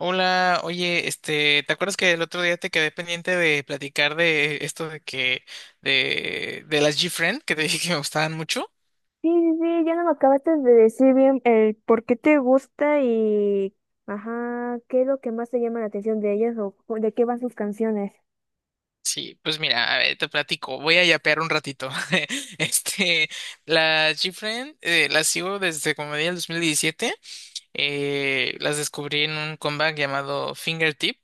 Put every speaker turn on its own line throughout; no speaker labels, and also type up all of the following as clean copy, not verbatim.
Hola, oye, este, ¿te acuerdas que el otro día te quedé pendiente de platicar de esto de las GFriend, que te dije que me gustaban mucho?
Sí, sí, sí, ya no me acabaste de decir bien el por qué te gusta y, ajá, qué es lo que más te llama la atención de ellas o de qué van sus canciones.
Sí, pues mira, a ver, te platico, voy a yapear un ratito. Este, las GFriend, las sigo desde como del 2017. Las descubrí en un comeback llamado Fingertip,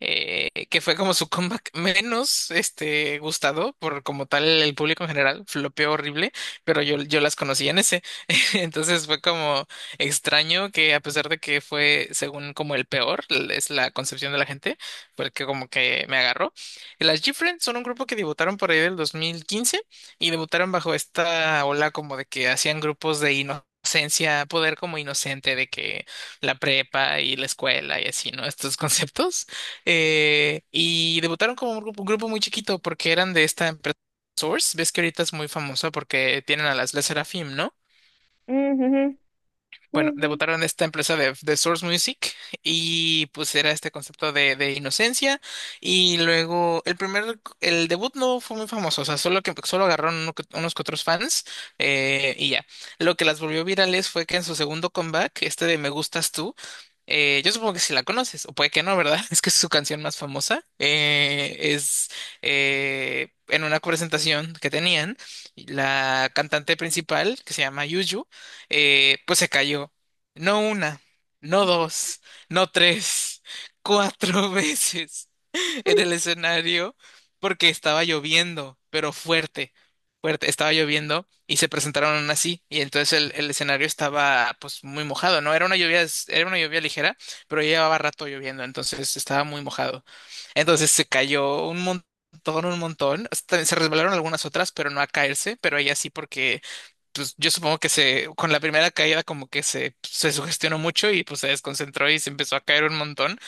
que fue como su comeback menos este, gustado por como tal el público en general, flopeó horrible, pero yo las conocía en ese. Entonces fue como extraño que, a pesar de que fue según como el peor, es la concepción de la gente, fue el que como que me agarró. Las G-Friends son un grupo que debutaron por ahí del 2015 y debutaron bajo esta ola como de que hacían grupos de inocencia, poder como inocente, de que la prepa y la escuela y así, ¿no? Estos conceptos. Y debutaron como un grupo muy chiquito porque eran de esta empresa Source. Ves que ahorita es muy famosa porque tienen a las La Serafim, ¿no?
Ujú. Sí,
Bueno,
sí.
debutaron esta empresa de Source Music y pues era este concepto de inocencia, y luego el debut no fue muy famoso, o sea, solo agarraron unos que otros fans, y ya. Lo que las volvió virales fue que en su segundo comeback, este de Me Gustas Tú, yo supongo que si la conoces, o puede que no, ¿verdad? Es que es su canción más famosa, es en una presentación que tenían, la cantante principal, que se llama Yuju, pues se cayó. No una, no dos, no tres, cuatro veces. En
Pues,
el escenario, porque estaba lloviendo, pero fuerte, fuerte, estaba lloviendo y se presentaron así, y entonces el escenario estaba pues muy mojado, ¿no? Era era una lluvia ligera, pero ya llevaba rato lloviendo, entonces estaba muy mojado. Entonces se cayó un montón, hasta se resbalaron algunas otras, pero no a caerse, pero ella sí, porque pues yo supongo que con la primera caída como que se sugestionó mucho y pues se desconcentró y se empezó a caer un montón.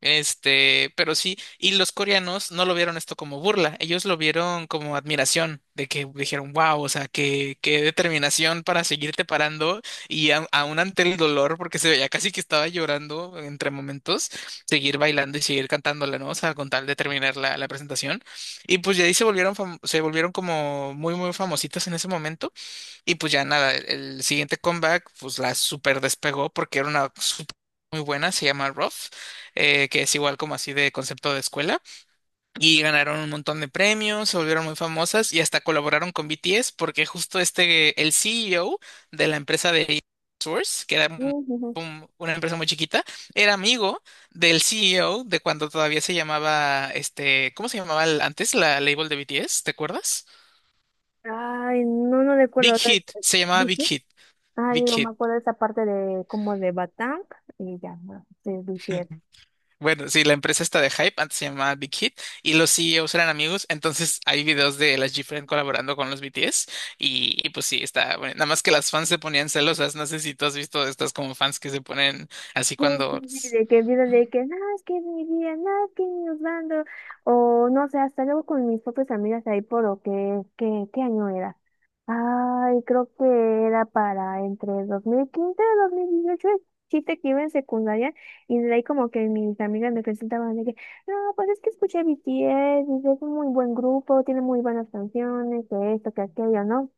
Este, pero sí, y los coreanos no lo vieron esto como burla, ellos lo vieron como admiración, de que dijeron, wow, o sea, qué determinación para seguirte parando y a aún ante el dolor, porque se veía casi que estaba llorando entre momentos, seguir bailando y seguir cantándola, ¿no? O sea, con tal de terminar la presentación. Y pues ya ahí se volvieron, se volvieron como muy, muy famositos en ese momento. Y pues ya nada, el siguiente comeback pues la super despegó porque era una super muy buena, se llama Roth, que es igual como así de concepto de escuela. Y ganaron un montón de premios, se volvieron muy famosas y hasta colaboraron con BTS porque justo este, el CEO de la empresa de Source, que era
ujú.
una empresa muy chiquita, era amigo del CEO de cuando todavía se llamaba, este, ¿cómo se llamaba antes la label de BTS? ¿Te acuerdas?
Ay, no, no recuerdo.
Big
O sea,
Hit,
eh,
se llamaba Big
¿viste?
Hit.
Ah,
Big
digo, me
Hit.
acuerdo de esa parte de como de Batang y ya, no, sí, BTS.
Bueno, sí, la empresa está de Hype, antes se llamaba Big Hit, y los CEOs eran amigos, entonces hay videos de las GFriend colaborando con los BTS, y pues sí, está, bueno, nada más que las fans se ponían celosas, no sé si tú has visto estas como fans que se ponen así
Sí, sí,
cuando...
sí, de que viene de que, no, es que mi vida, no, es que mi bando, o no sé, hasta luego con mis propias amigas ahí por lo que, ¿qué año era? Ay, creo que era para entre 2015 y 2018, el chiste que iba en secundaria, y de ahí como que mis amigas me presentaban de que, no, pues es que escuché BTS, y es un muy buen grupo, tiene muy buenas canciones, que esto, que aquello, ¿no?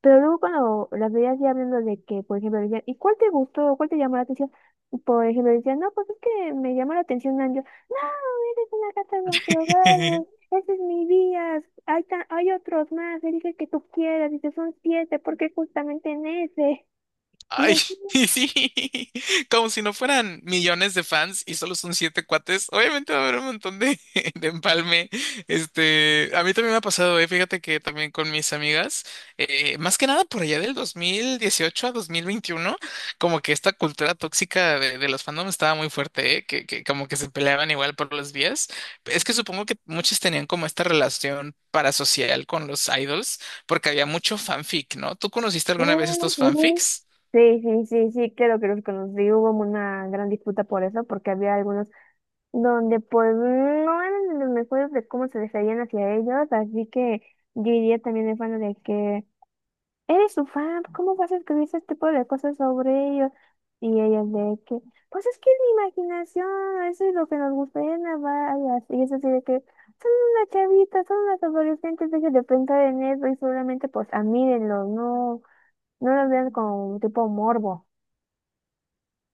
Pero luego cuando las veías ya hablando de que, por ejemplo, decían, ¿y cuál te gustó? ¿Cuál te llamó la atención? Por ejemplo, decían, no, pues es que me llamó la atención Angio. No, eres una gata drogada, ese es mi día, hay, hay otros más, elige el que tú quieras, dice, son siete, porque justamente en ese. Y
Ay, sí, como si no fueran millones de fans y solo son siete cuates. Obviamente va a haber un montón de, de empalme. Este, a mí también me ha pasado, eh. Fíjate que también con mis amigas, más que nada por allá del 2018 a 2021, como que esta cultura tóxica de los fandoms estaba muy fuerte, que como que se peleaban igual por los vías. Es que supongo que muchos tenían como esta relación parasocial con los idols, porque había mucho fanfic, ¿no? ¿Tú conociste
yo,
alguna vez
"Ah,
estos
ujú".
fanfics?
Sí, sí, sí, sí, claro que los conocí. Hubo una gran disputa por eso, porque había algunos donde pues no eran los mejores de cómo se referían hacia ellos, así que yo diría también el fan de que eres su fan, ¿cómo vas a escribir ese tipo de cosas sobre ellos? Y ellos de que, pues es que es mi imaginación, eso es lo que nos gusta de Navarias. Y es así de que son unas chavitas, son unas adolescentes, dejen de pensar en eso y solamente pues amírenlos, no, no los vean como tipo morbo,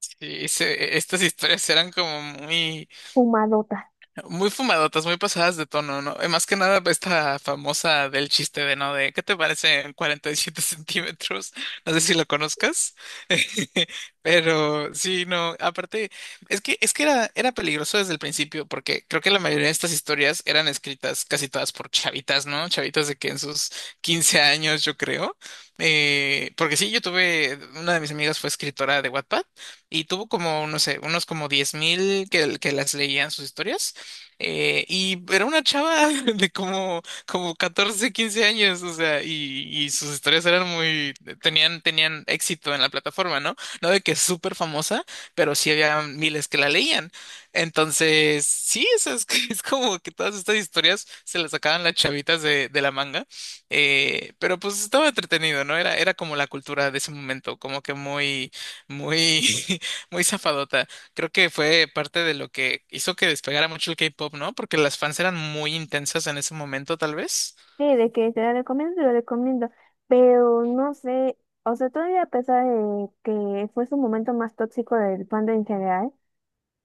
Sí, estas historias eran como muy...
fumadotas.
Muy fumadotas, muy pasadas de tono, ¿no? Más que nada esta famosa del chiste de, ¿no? De, ¿qué te parece 7 centímetros? No sé si lo conozcas, pero sí, no, aparte, es que era peligroso desde el principio, porque creo que la mayoría de estas historias eran escritas casi todas por chavitas, ¿no? Chavitas de que en sus 15 años, yo creo. Porque sí, yo tuve, una de mis amigas fue escritora de Wattpad y tuvo como, no sé, unos como 10 mil que las leían sus historias, y era una chava de como 14 15 años, o sea, y sus historias eran muy, tenían éxito en la plataforma, ¿no? No de que es súper famosa, pero sí había miles que la leían. Entonces, sí, eso es, es como que todas estas historias se las sacaban las chavitas de la manga. Pero pues estaba entretenido, ¿no? Era como la cultura de ese momento, como que muy, muy zafadota. Creo que fue parte de lo que hizo que despegara mucho el K-pop, ¿no? Porque las fans eran muy intensas en ese momento, tal vez.
Sí, de que te la recomiendo, pero no sé, o sea, todavía a pesar de que fue su momento más tóxico del fandom en general,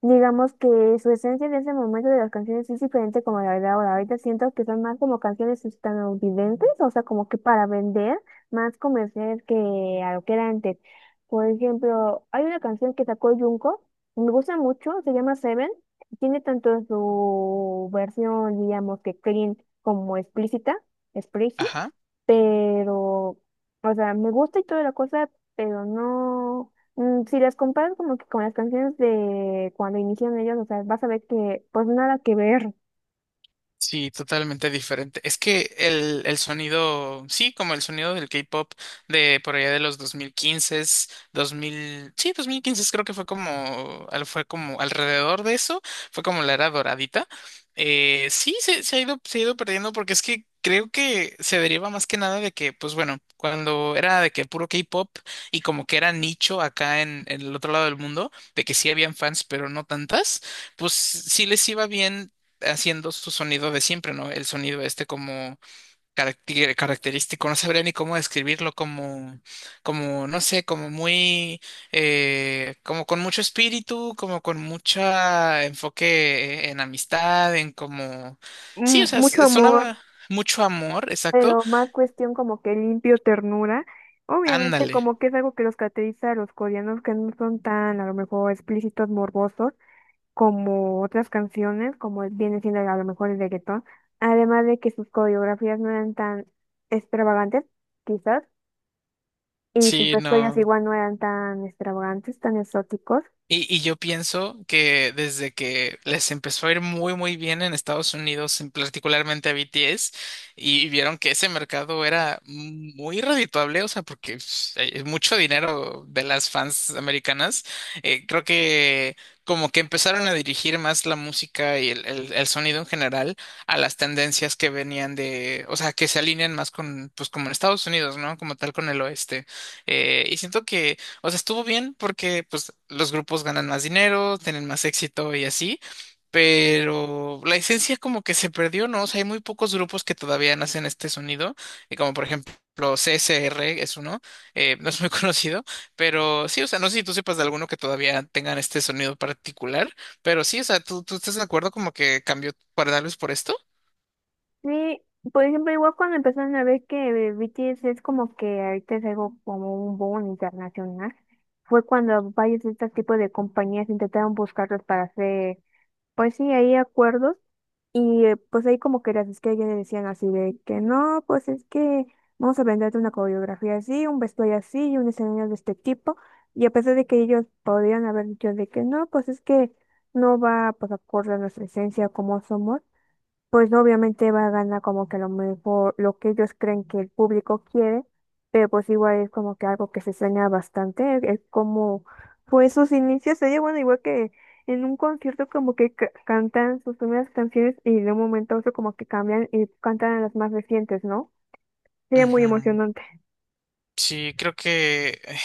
digamos que su esencia en ese momento de las canciones es diferente como la de ahora. Ahorita siento que son más como canciones estadounidenses, o sea, como que para vender, más comerciales que a lo que era antes. Por ejemplo, hay una canción que sacó Junko, me gusta mucho, se llama Seven. Tiene tanto su versión, digamos que clean como explícita, explícita,
Ajá.
pero, o sea, me gusta y toda la cosa, pero no. Mm, si las comparas como que con las canciones de cuando iniciaron ellos, o sea, vas a ver que pues nada que ver.
Sí, totalmente diferente. Es que el sonido, sí, como el sonido del K-pop de por allá de los 2015, 2000, sí, 2015 creo que fue como, fue como alrededor de eso, fue como la era doradita. Sí, se ha ido perdiendo porque es que creo que se deriva más que nada de que, pues bueno, cuando era de que puro K-pop y como que era nicho acá en el otro lado del mundo, de que sí habían fans, pero no tantas, pues sí les iba bien haciendo su sonido de siempre, ¿no? El sonido este como característico, no sabría ni cómo describirlo, no sé, como como con mucho espíritu, como con mucha enfoque en amistad, en como, sí, o
Mm,
sea,
mucho amor,
sonaba mucho amor, exacto.
pero más cuestión como que limpio ternura. Obviamente
Ándale,
como que es algo que los caracteriza a los coreanos que no son tan a lo mejor explícitos, morbosos como otras canciones, como viene siendo a lo mejor el reggaetón. Además de que sus coreografías no eran tan extravagantes, quizás, y sus
sí,
vestuarios
no.
igual no eran tan extravagantes, tan exóticos.
Y yo pienso que desde que les empezó a ir muy muy bien en Estados Unidos, en particularmente a BTS, y vieron que ese mercado era muy redituable, o sea, porque pues hay mucho dinero de las fans americanas, creo que como que empezaron a dirigir más la música y el sonido en general a las tendencias que venían de, o sea, que se alinean más con, pues como en Estados Unidos, ¿no? Como tal con el oeste. Y siento, o sea, estuvo bien porque pues los grupos ganan más dinero, tienen más éxito y así, pero la esencia como que se perdió, ¿no? O sea, hay muy pocos grupos que todavía nacen este sonido, y como por ejemplo CSR es uno, no es muy conocido, pero sí, o sea, no sé si tú sepas de alguno que todavía tengan este sonido particular, pero sí, o sea, tú estás de acuerdo como que cambió para darles por esto?
Sí, por ejemplo, igual cuando empezaron a ver que BTS es como que ahorita es algo como un boom internacional, fue cuando varios de este tipo de compañías intentaron buscarlos para hacer, pues sí, ahí acuerdos, y pues ahí como que las estrellas le decían así de que no, pues es que vamos a venderte una coreografía así, un vestuario así y un escenario de este tipo, y a pesar de que ellos podrían haber dicho de que no, pues es que no va pues acorde a nuestra esencia como somos, pues obviamente va a ganar como que a lo mejor lo que ellos creen que el público quiere, pero pues igual es como que algo que se extraña bastante, es como pues sus inicios, ella bueno, igual que en un concierto como que cantan sus primeras canciones y de un momento a otro como que cambian y cantan las más recientes, ¿no? Sería muy
Ujú.
emocionante.
Sí, creo que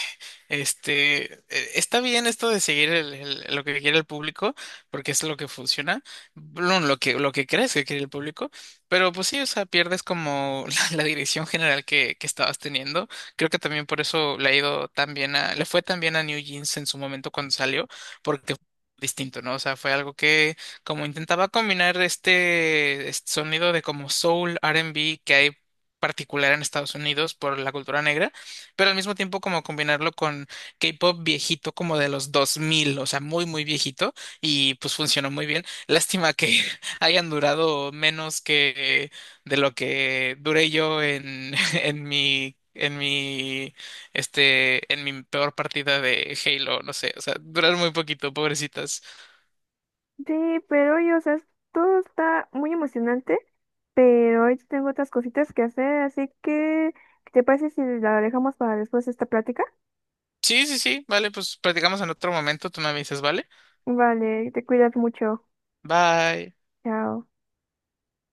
este eh, está bien esto de seguir lo que quiere el público, porque es lo que funciona, bueno, lo que crees que quiere el público, pero pues sí, o sea, pierdes como la dirección general que estabas teniendo. Creo que también por eso le ha ido tan bien a, le fue tan bien a New Jeans en su momento cuando salió, porque fue distinto, ¿no? O sea, fue algo que como intentaba combinar este sonido de como soul, R&B que hay particular en Estados Unidos por la cultura negra, pero al mismo tiempo como combinarlo con K-pop viejito como de los 2000, o sea, muy, muy viejito, y pues funcionó muy bien. Lástima que hayan durado menos que de lo que duré yo en, en mi peor partida de Halo, no sé, o sea, duraron muy poquito, pobrecitas.
Sí, pero oye, o sea, todo está muy emocionante, pero hoy tengo otras cositas que hacer, así que, ¿te parece si la dejamos para después esta plática?
Sí, sí, sí, vale, pues platicamos en otro momento, tú me avisas, ¿vale?
Vale, te cuidas mucho.
Bye.
Chao.